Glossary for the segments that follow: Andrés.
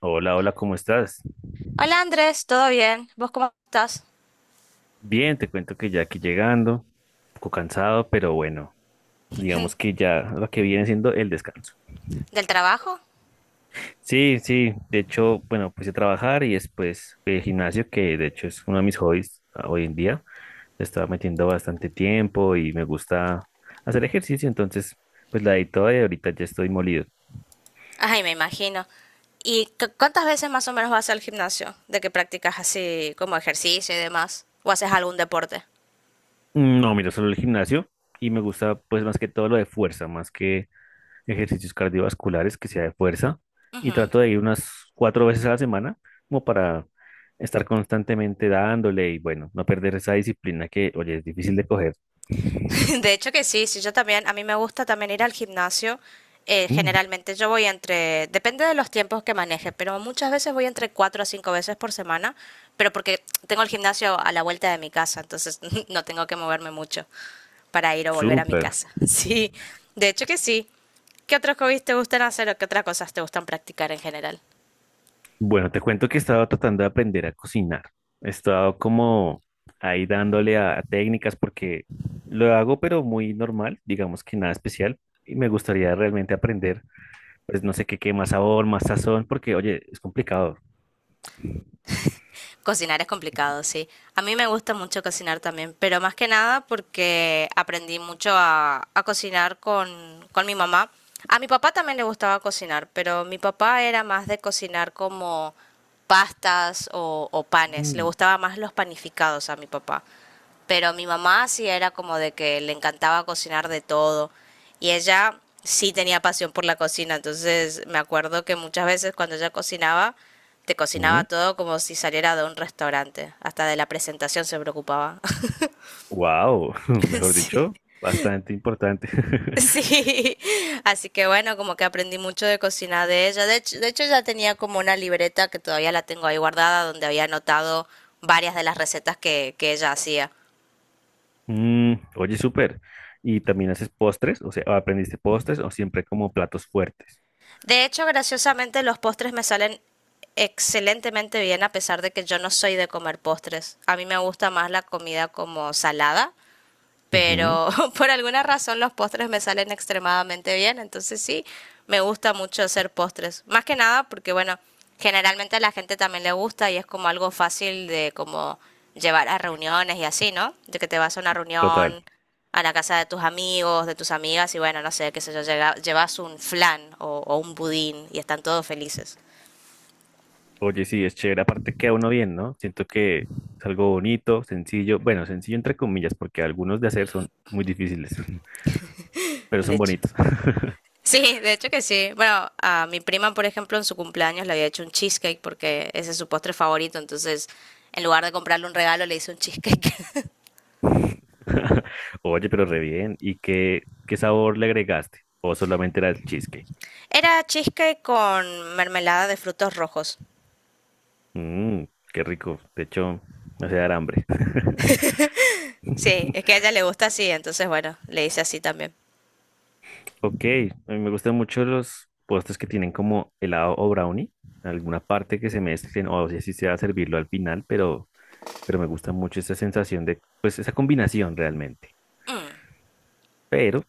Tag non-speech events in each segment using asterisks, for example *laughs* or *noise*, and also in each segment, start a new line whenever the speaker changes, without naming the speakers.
Hola, hola, ¿cómo estás?
Hola Andrés, ¿todo bien? ¿Vos cómo estás?
Bien, te cuento que ya aquí llegando, un poco cansado, pero bueno, digamos que ya lo que viene siendo el descanso.
¿Del trabajo?
Sí, sí, de hecho, bueno, puse a trabajar y después el gimnasio, que de hecho es uno de mis hobbies hoy en día, le estaba metiendo bastante tiempo y me gusta hacer ejercicio, entonces pues la di toda y ahorita ya estoy molido.
Ay, me imagino. ¿Y cuántas veces más o menos vas al gimnasio? ¿De que practicas así como ejercicio y demás? ¿O haces algún deporte?
No, miro solo el gimnasio y me gusta pues más que todo lo de fuerza, más que ejercicios cardiovasculares que sea de fuerza y
Ujú.
trato de ir unas cuatro veces a la semana como para estar constantemente dándole y bueno, no perder esa disciplina que, oye, es difícil de coger.
*laughs* De hecho que sí, sí, yo también, a mí me gusta también ir al gimnasio.
Mm,
Generalmente yo voy entre, depende de los tiempos que maneje, pero muchas veces voy entre cuatro a cinco veces por semana, pero porque tengo el gimnasio a la vuelta de mi casa, entonces *laughs* no tengo que moverme mucho para ir o volver a mi
súper.
casa. *laughs* Sí, de hecho que sí. ¿Qué otros hobbies te gustan hacer o qué otras cosas te gustan practicar en general?
Bueno, te cuento que he estado tratando de aprender a cocinar. He estado como ahí dándole a técnicas porque lo hago pero muy normal, digamos que nada especial. Y me gustaría realmente aprender, pues no sé qué, qué más sabor, más sazón, porque oye, es complicado.
Cocinar es complicado, sí. A mí me gusta mucho cocinar también, pero más que nada porque aprendí mucho a cocinar con mi mamá. A mi papá también le gustaba cocinar, pero mi papá era más de cocinar como pastas o panes. Le gustaba más los panificados a mi papá. Pero mi mamá sí era como de que le encantaba cocinar de todo. Y ella sí tenía pasión por la cocina. Entonces me acuerdo que muchas veces cuando ella cocinaba, te cocinaba todo como si saliera de un restaurante. Hasta de la presentación se preocupaba. *laughs*
Wow, *laughs* mejor
Sí.
dicho, bastante importante. *laughs*
Sí, así que bueno, como que aprendí mucho de cocina de ella. De hecho, ya tenía como una libreta que todavía la tengo ahí guardada, donde había anotado varias de las recetas que ella hacía.
Mm, oye, súper. ¿Y también haces postres? O sea, ¿aprendiste postres o siempre como platos fuertes?
De hecho, graciosamente, los postres me salen excelentemente bien a pesar de que yo no soy de comer postres. A mí me gusta más la comida como salada
Ujú,
pero *laughs* por alguna razón los postres me salen extremadamente bien, entonces sí, me gusta mucho hacer postres, más que nada porque bueno, generalmente a la gente también le gusta y es como algo fácil de como llevar a reuniones y así, ¿no? De que te vas a una
total.
reunión a la casa de tus amigos, de tus amigas y bueno, no sé, qué sé yo, llevas un flan o un budín y están todos felices,
Oye, sí, es chévere. Aparte queda uno bien, ¿no? Siento que es algo bonito, sencillo. Bueno, sencillo entre comillas, porque algunos de hacer son muy difíciles, *laughs* pero
de
son
hecho.
bonitos. *laughs*
Sí, de hecho que sí. Bueno, a mi prima, por ejemplo, en su cumpleaños le había hecho un cheesecake porque ese es su postre favorito, entonces en lugar de comprarle un regalo le hice un cheesecake. *laughs*
*laughs* Oye, pero re bien. ¿Y qué, qué sabor le agregaste? ¿O solamente era el cheesecake?
Era cheesecake con mermelada de frutos rojos.
Mmm, qué rico. De hecho, me hace dar hambre. *laughs*
Sí, es que a ella le gusta así, entonces bueno, le hice así también.
Ok, a mí me gustan mucho los postres que tienen como helado o brownie. Alguna parte que se mezclen, o sea, si sea servirlo al final, pero me gusta mucho esa sensación de, pues, esa combinación realmente. Pero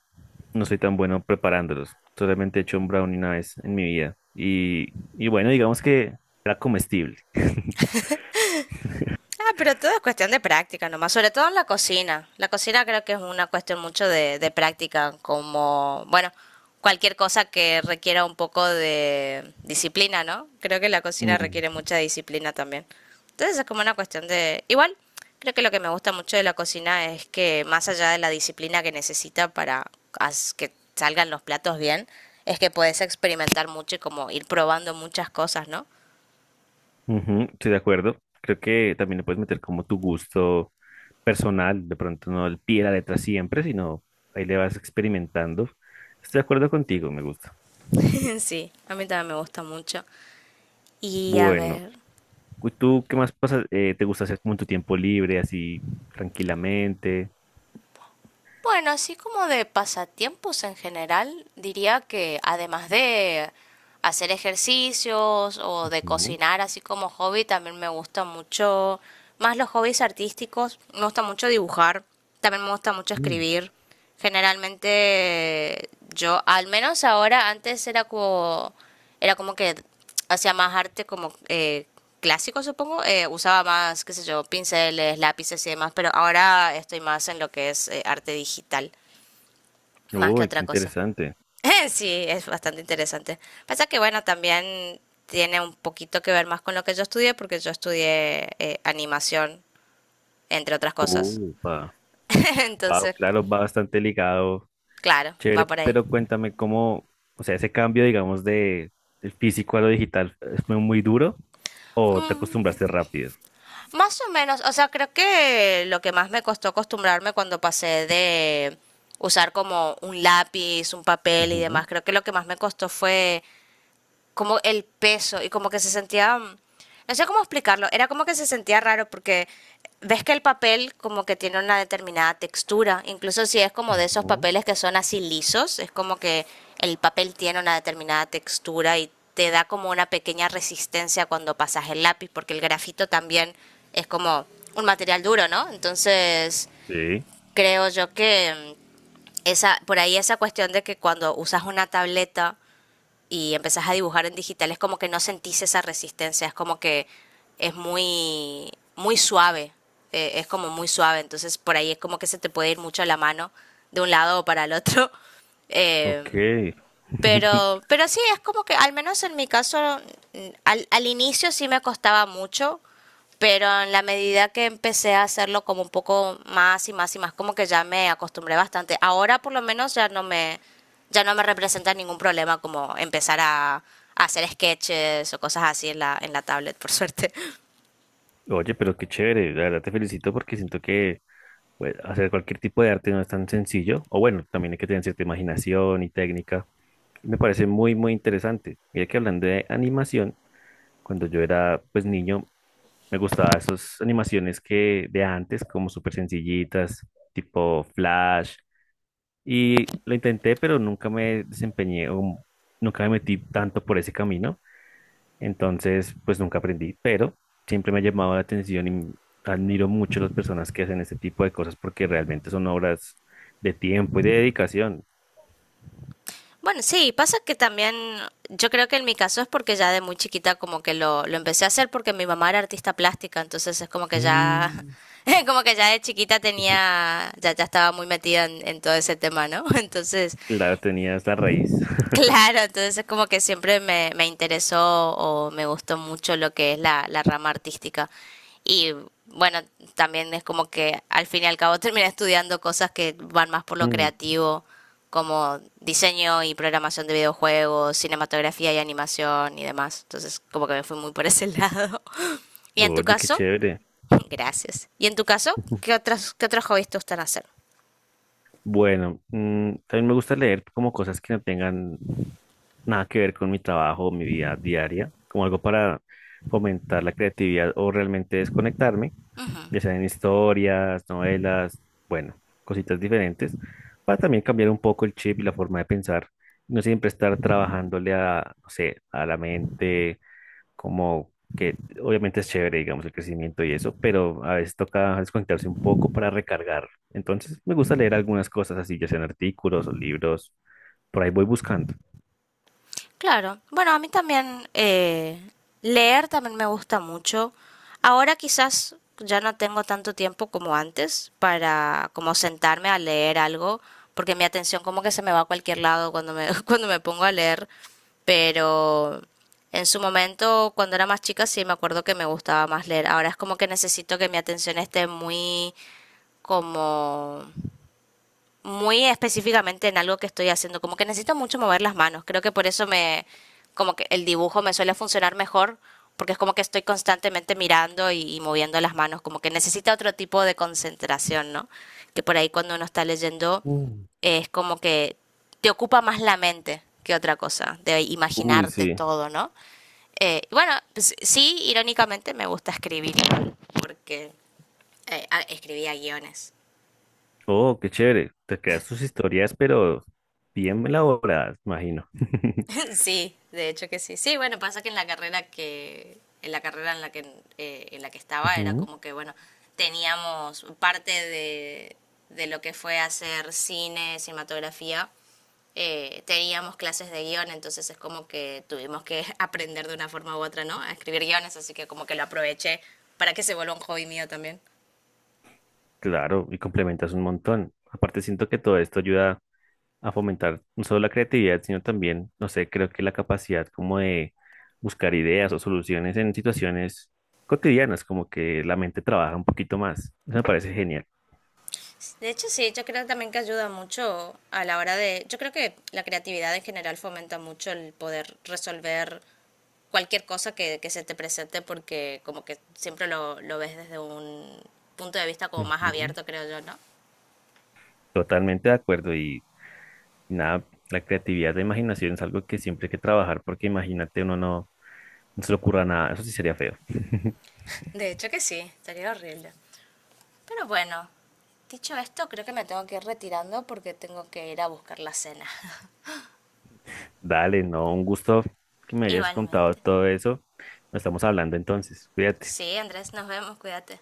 no soy tan bueno preparándolos. Solamente he hecho un brownie una vez en mi vida. Y bueno, digamos que era comestible. *laughs*
Ah, pero todo es cuestión de práctica nomás, sobre todo en la cocina. La cocina creo que es una cuestión mucho de práctica, como, bueno, cualquier cosa que requiera un poco de disciplina, ¿no? Creo que la cocina requiere
Mm.
mucha disciplina también. Entonces es como una cuestión de… Igual, creo que lo que me gusta mucho de la cocina es que más allá de la disciplina que necesita para que salgan los platos bien, es que puedes experimentar mucho y como ir probando muchas cosas, ¿no?
Ujú, estoy de acuerdo. Creo que también le puedes meter como tu gusto personal, de pronto no al pie de la letra siempre, sino ahí le vas experimentando. Estoy de acuerdo contigo, me gusta.
*laughs* Sí, a mí también me gusta mucho. Y a
Bueno,
ver,
¿tú qué más pasa, te gusta hacer como en tu tiempo libre, así tranquilamente?
bueno, así como de pasatiempos en general, diría que además de hacer ejercicios o de
Ujú.
cocinar así como hobby, también me gusta mucho, más los hobbies artísticos, me gusta mucho dibujar, también me gusta mucho
Mm.
escribir. Generalmente yo, al menos ahora, antes era como que hacía más arte como clásico, supongo. Usaba más, qué sé yo, pinceles, lápices y demás, pero ahora estoy más en lo que es arte digital, más que
Uy, qué
otra cosa.
interesante.
*laughs* Sí, es bastante interesante. Pasa que, bueno, también tiene un poquito que ver más con lo que yo estudié, porque yo estudié animación, entre otras cosas.
Upa.
*laughs*
Wow,
Entonces,
claro, va bastante ligado,
claro, va
chévere,
por ahí.
pero cuéntame cómo, o sea, ese cambio, digamos, de el físico a lo digital, ¿fue muy duro o te acostumbraste rápido?
Más o menos, o sea, creo que lo que más me costó acostumbrarme cuando pasé de usar como un lápiz, un papel y
Ujú,
demás, creo que lo que más me costó fue como el peso y como que se sentía, no sé cómo explicarlo, era como que se sentía raro porque ves que el papel como que tiene una determinada textura, incluso si es como de esos
ujú.
papeles que son así lisos, es como que el papel tiene una determinada textura y te da como una pequeña resistencia cuando pasas el lápiz, porque el grafito también es como un material duro, ¿no? Entonces,
Sí,
creo yo que esa, por ahí esa cuestión de que cuando usas una tableta y empezás a dibujar en digital, es como que no sentís esa resistencia, es como que es muy, muy suave, es como muy suave, entonces por ahí es como que se te puede ir mucho la mano de un lado o para el otro. *laughs* Eh,
ok. *laughs*
pero sí, es como que al menos en mi caso, al inicio sí me costaba mucho, pero en la medida que empecé a hacerlo como un poco más y más y más, como que ya me acostumbré bastante. Ahora por lo menos ya no me representa ningún problema como empezar a hacer sketches o cosas así en en la tablet, por suerte.
Oye, pero qué chévere, la verdad te felicito porque siento que pues, hacer cualquier tipo de arte no es tan sencillo, o bueno, también hay que tener cierta imaginación y técnica. Me parece muy, muy interesante. Mira que hablando de animación, cuando yo era pues niño, me gustaban esas animaciones que de antes, como súper sencillitas, tipo Flash. Y lo intenté, pero nunca me desempeñé, o nunca me metí tanto por ese camino. Entonces, pues nunca aprendí, pero siempre me ha llamado la atención y admiro mucho a las personas que hacen este tipo de cosas porque realmente son obras de tiempo y de dedicación.
Bueno, sí, pasa que también yo creo que en mi caso es porque ya de muy chiquita como que lo empecé a hacer porque mi mamá era artista plástica, entonces es como que ya,
Mm,
*laughs* como que ya de chiquita
*laughs*
tenía, ya, ya estaba muy metida en todo ese tema, ¿no? *laughs* Entonces
claro, tenías la raíz. *laughs*
claro, entonces es como que siempre me, me interesó o me gustó mucho lo que es la rama artística. Y bueno, también es como que al fin y al cabo *laughs* terminé estudiando cosas que van más por lo
Mm,
creativo, como diseño y programación de videojuegos, cinematografía y animación y demás. Entonces como que me fui muy por ese *laughs* lado. ¿Y en tu
oye, qué
caso?
chévere.
*laughs* Gracias. ¿Y en tu caso? ¿Qué
*laughs*
otras, qué otros hobbies te gustan hacer?
Bueno, también me gusta leer como cosas que no tengan nada que ver con mi trabajo o mi vida diaria, como algo para fomentar la creatividad o realmente desconectarme, ya sean historias, novelas, bueno, cositas diferentes, para también cambiar un poco el chip y la forma de pensar, no siempre estar trabajándole a, no sé, a la mente como que obviamente es chévere, digamos, el crecimiento y eso, pero a veces toca desconectarse un poco para recargar. Entonces, me gusta leer algunas cosas así, ya sean artículos o libros, por ahí voy buscando.
Claro, bueno, a mí también leer también me gusta mucho. Ahora quizás ya no tengo tanto tiempo como antes para como sentarme a leer algo, porque mi atención como que se me va a cualquier lado cuando me, *laughs* cuando me pongo a leer, pero en su momento, cuando era más chica, sí me acuerdo que me gustaba más leer. Ahora es como que necesito que mi atención esté muy como muy específicamente en algo que estoy haciendo, como que necesito mucho mover las manos, creo que por eso me, como que el dibujo me suele funcionar mejor, porque es como que estoy constantemente mirando y moviendo las manos, como que necesita otro tipo de concentración, ¿no? Que por ahí cuando uno está leyendo
Mm.
es como que te ocupa más la mente que otra cosa, de
Uy,
imaginarte
sí.
todo, ¿no? Y bueno, pues, sí, irónicamente me gusta escribir, porque escribía guiones.
Oh, qué chévere. Te creas tus historias, pero bien elaboradas, imagino. *laughs*
Sí, de hecho que sí. Sí, bueno, pasa que en la carrera que en la carrera en la que estaba era
Ujú.
como que bueno, teníamos parte de lo que fue hacer cine, cinematografía, teníamos clases de guión, entonces es como que tuvimos que *laughs* aprender de una forma u otra, ¿no? A escribir guiones, así que como que lo aproveché para que se vuelva un hobby mío también.
Claro, y complementas un montón. Aparte, siento que todo esto ayuda a fomentar no solo la creatividad, sino también, no sé, creo que la capacidad como de buscar ideas o soluciones en situaciones cotidianas, como que la mente trabaja un poquito más. Eso me parece genial.
De hecho, sí, yo creo también que ayuda mucho a la hora de… Yo creo que la creatividad en general fomenta mucho el poder resolver cualquier cosa que se te presente porque como que siempre lo ves desde un punto de vista como más
Ujú.
abierto, creo yo, ¿no?
Totalmente de acuerdo y nada, la creatividad, la imaginación es algo que siempre hay que trabajar porque imagínate, uno no, no se le ocurra nada, eso sí sería feo. *laughs*
De hecho que sí, estaría horrible. Pero bueno, dicho esto, creo que me tengo que ir retirando porque tengo que ir a buscar la cena.
Dale, no, un gusto que me
*laughs*
hayas contado
Igualmente.
todo eso. Nos estamos hablando entonces, cuídate.
Sí, Andrés, nos vemos, cuídate.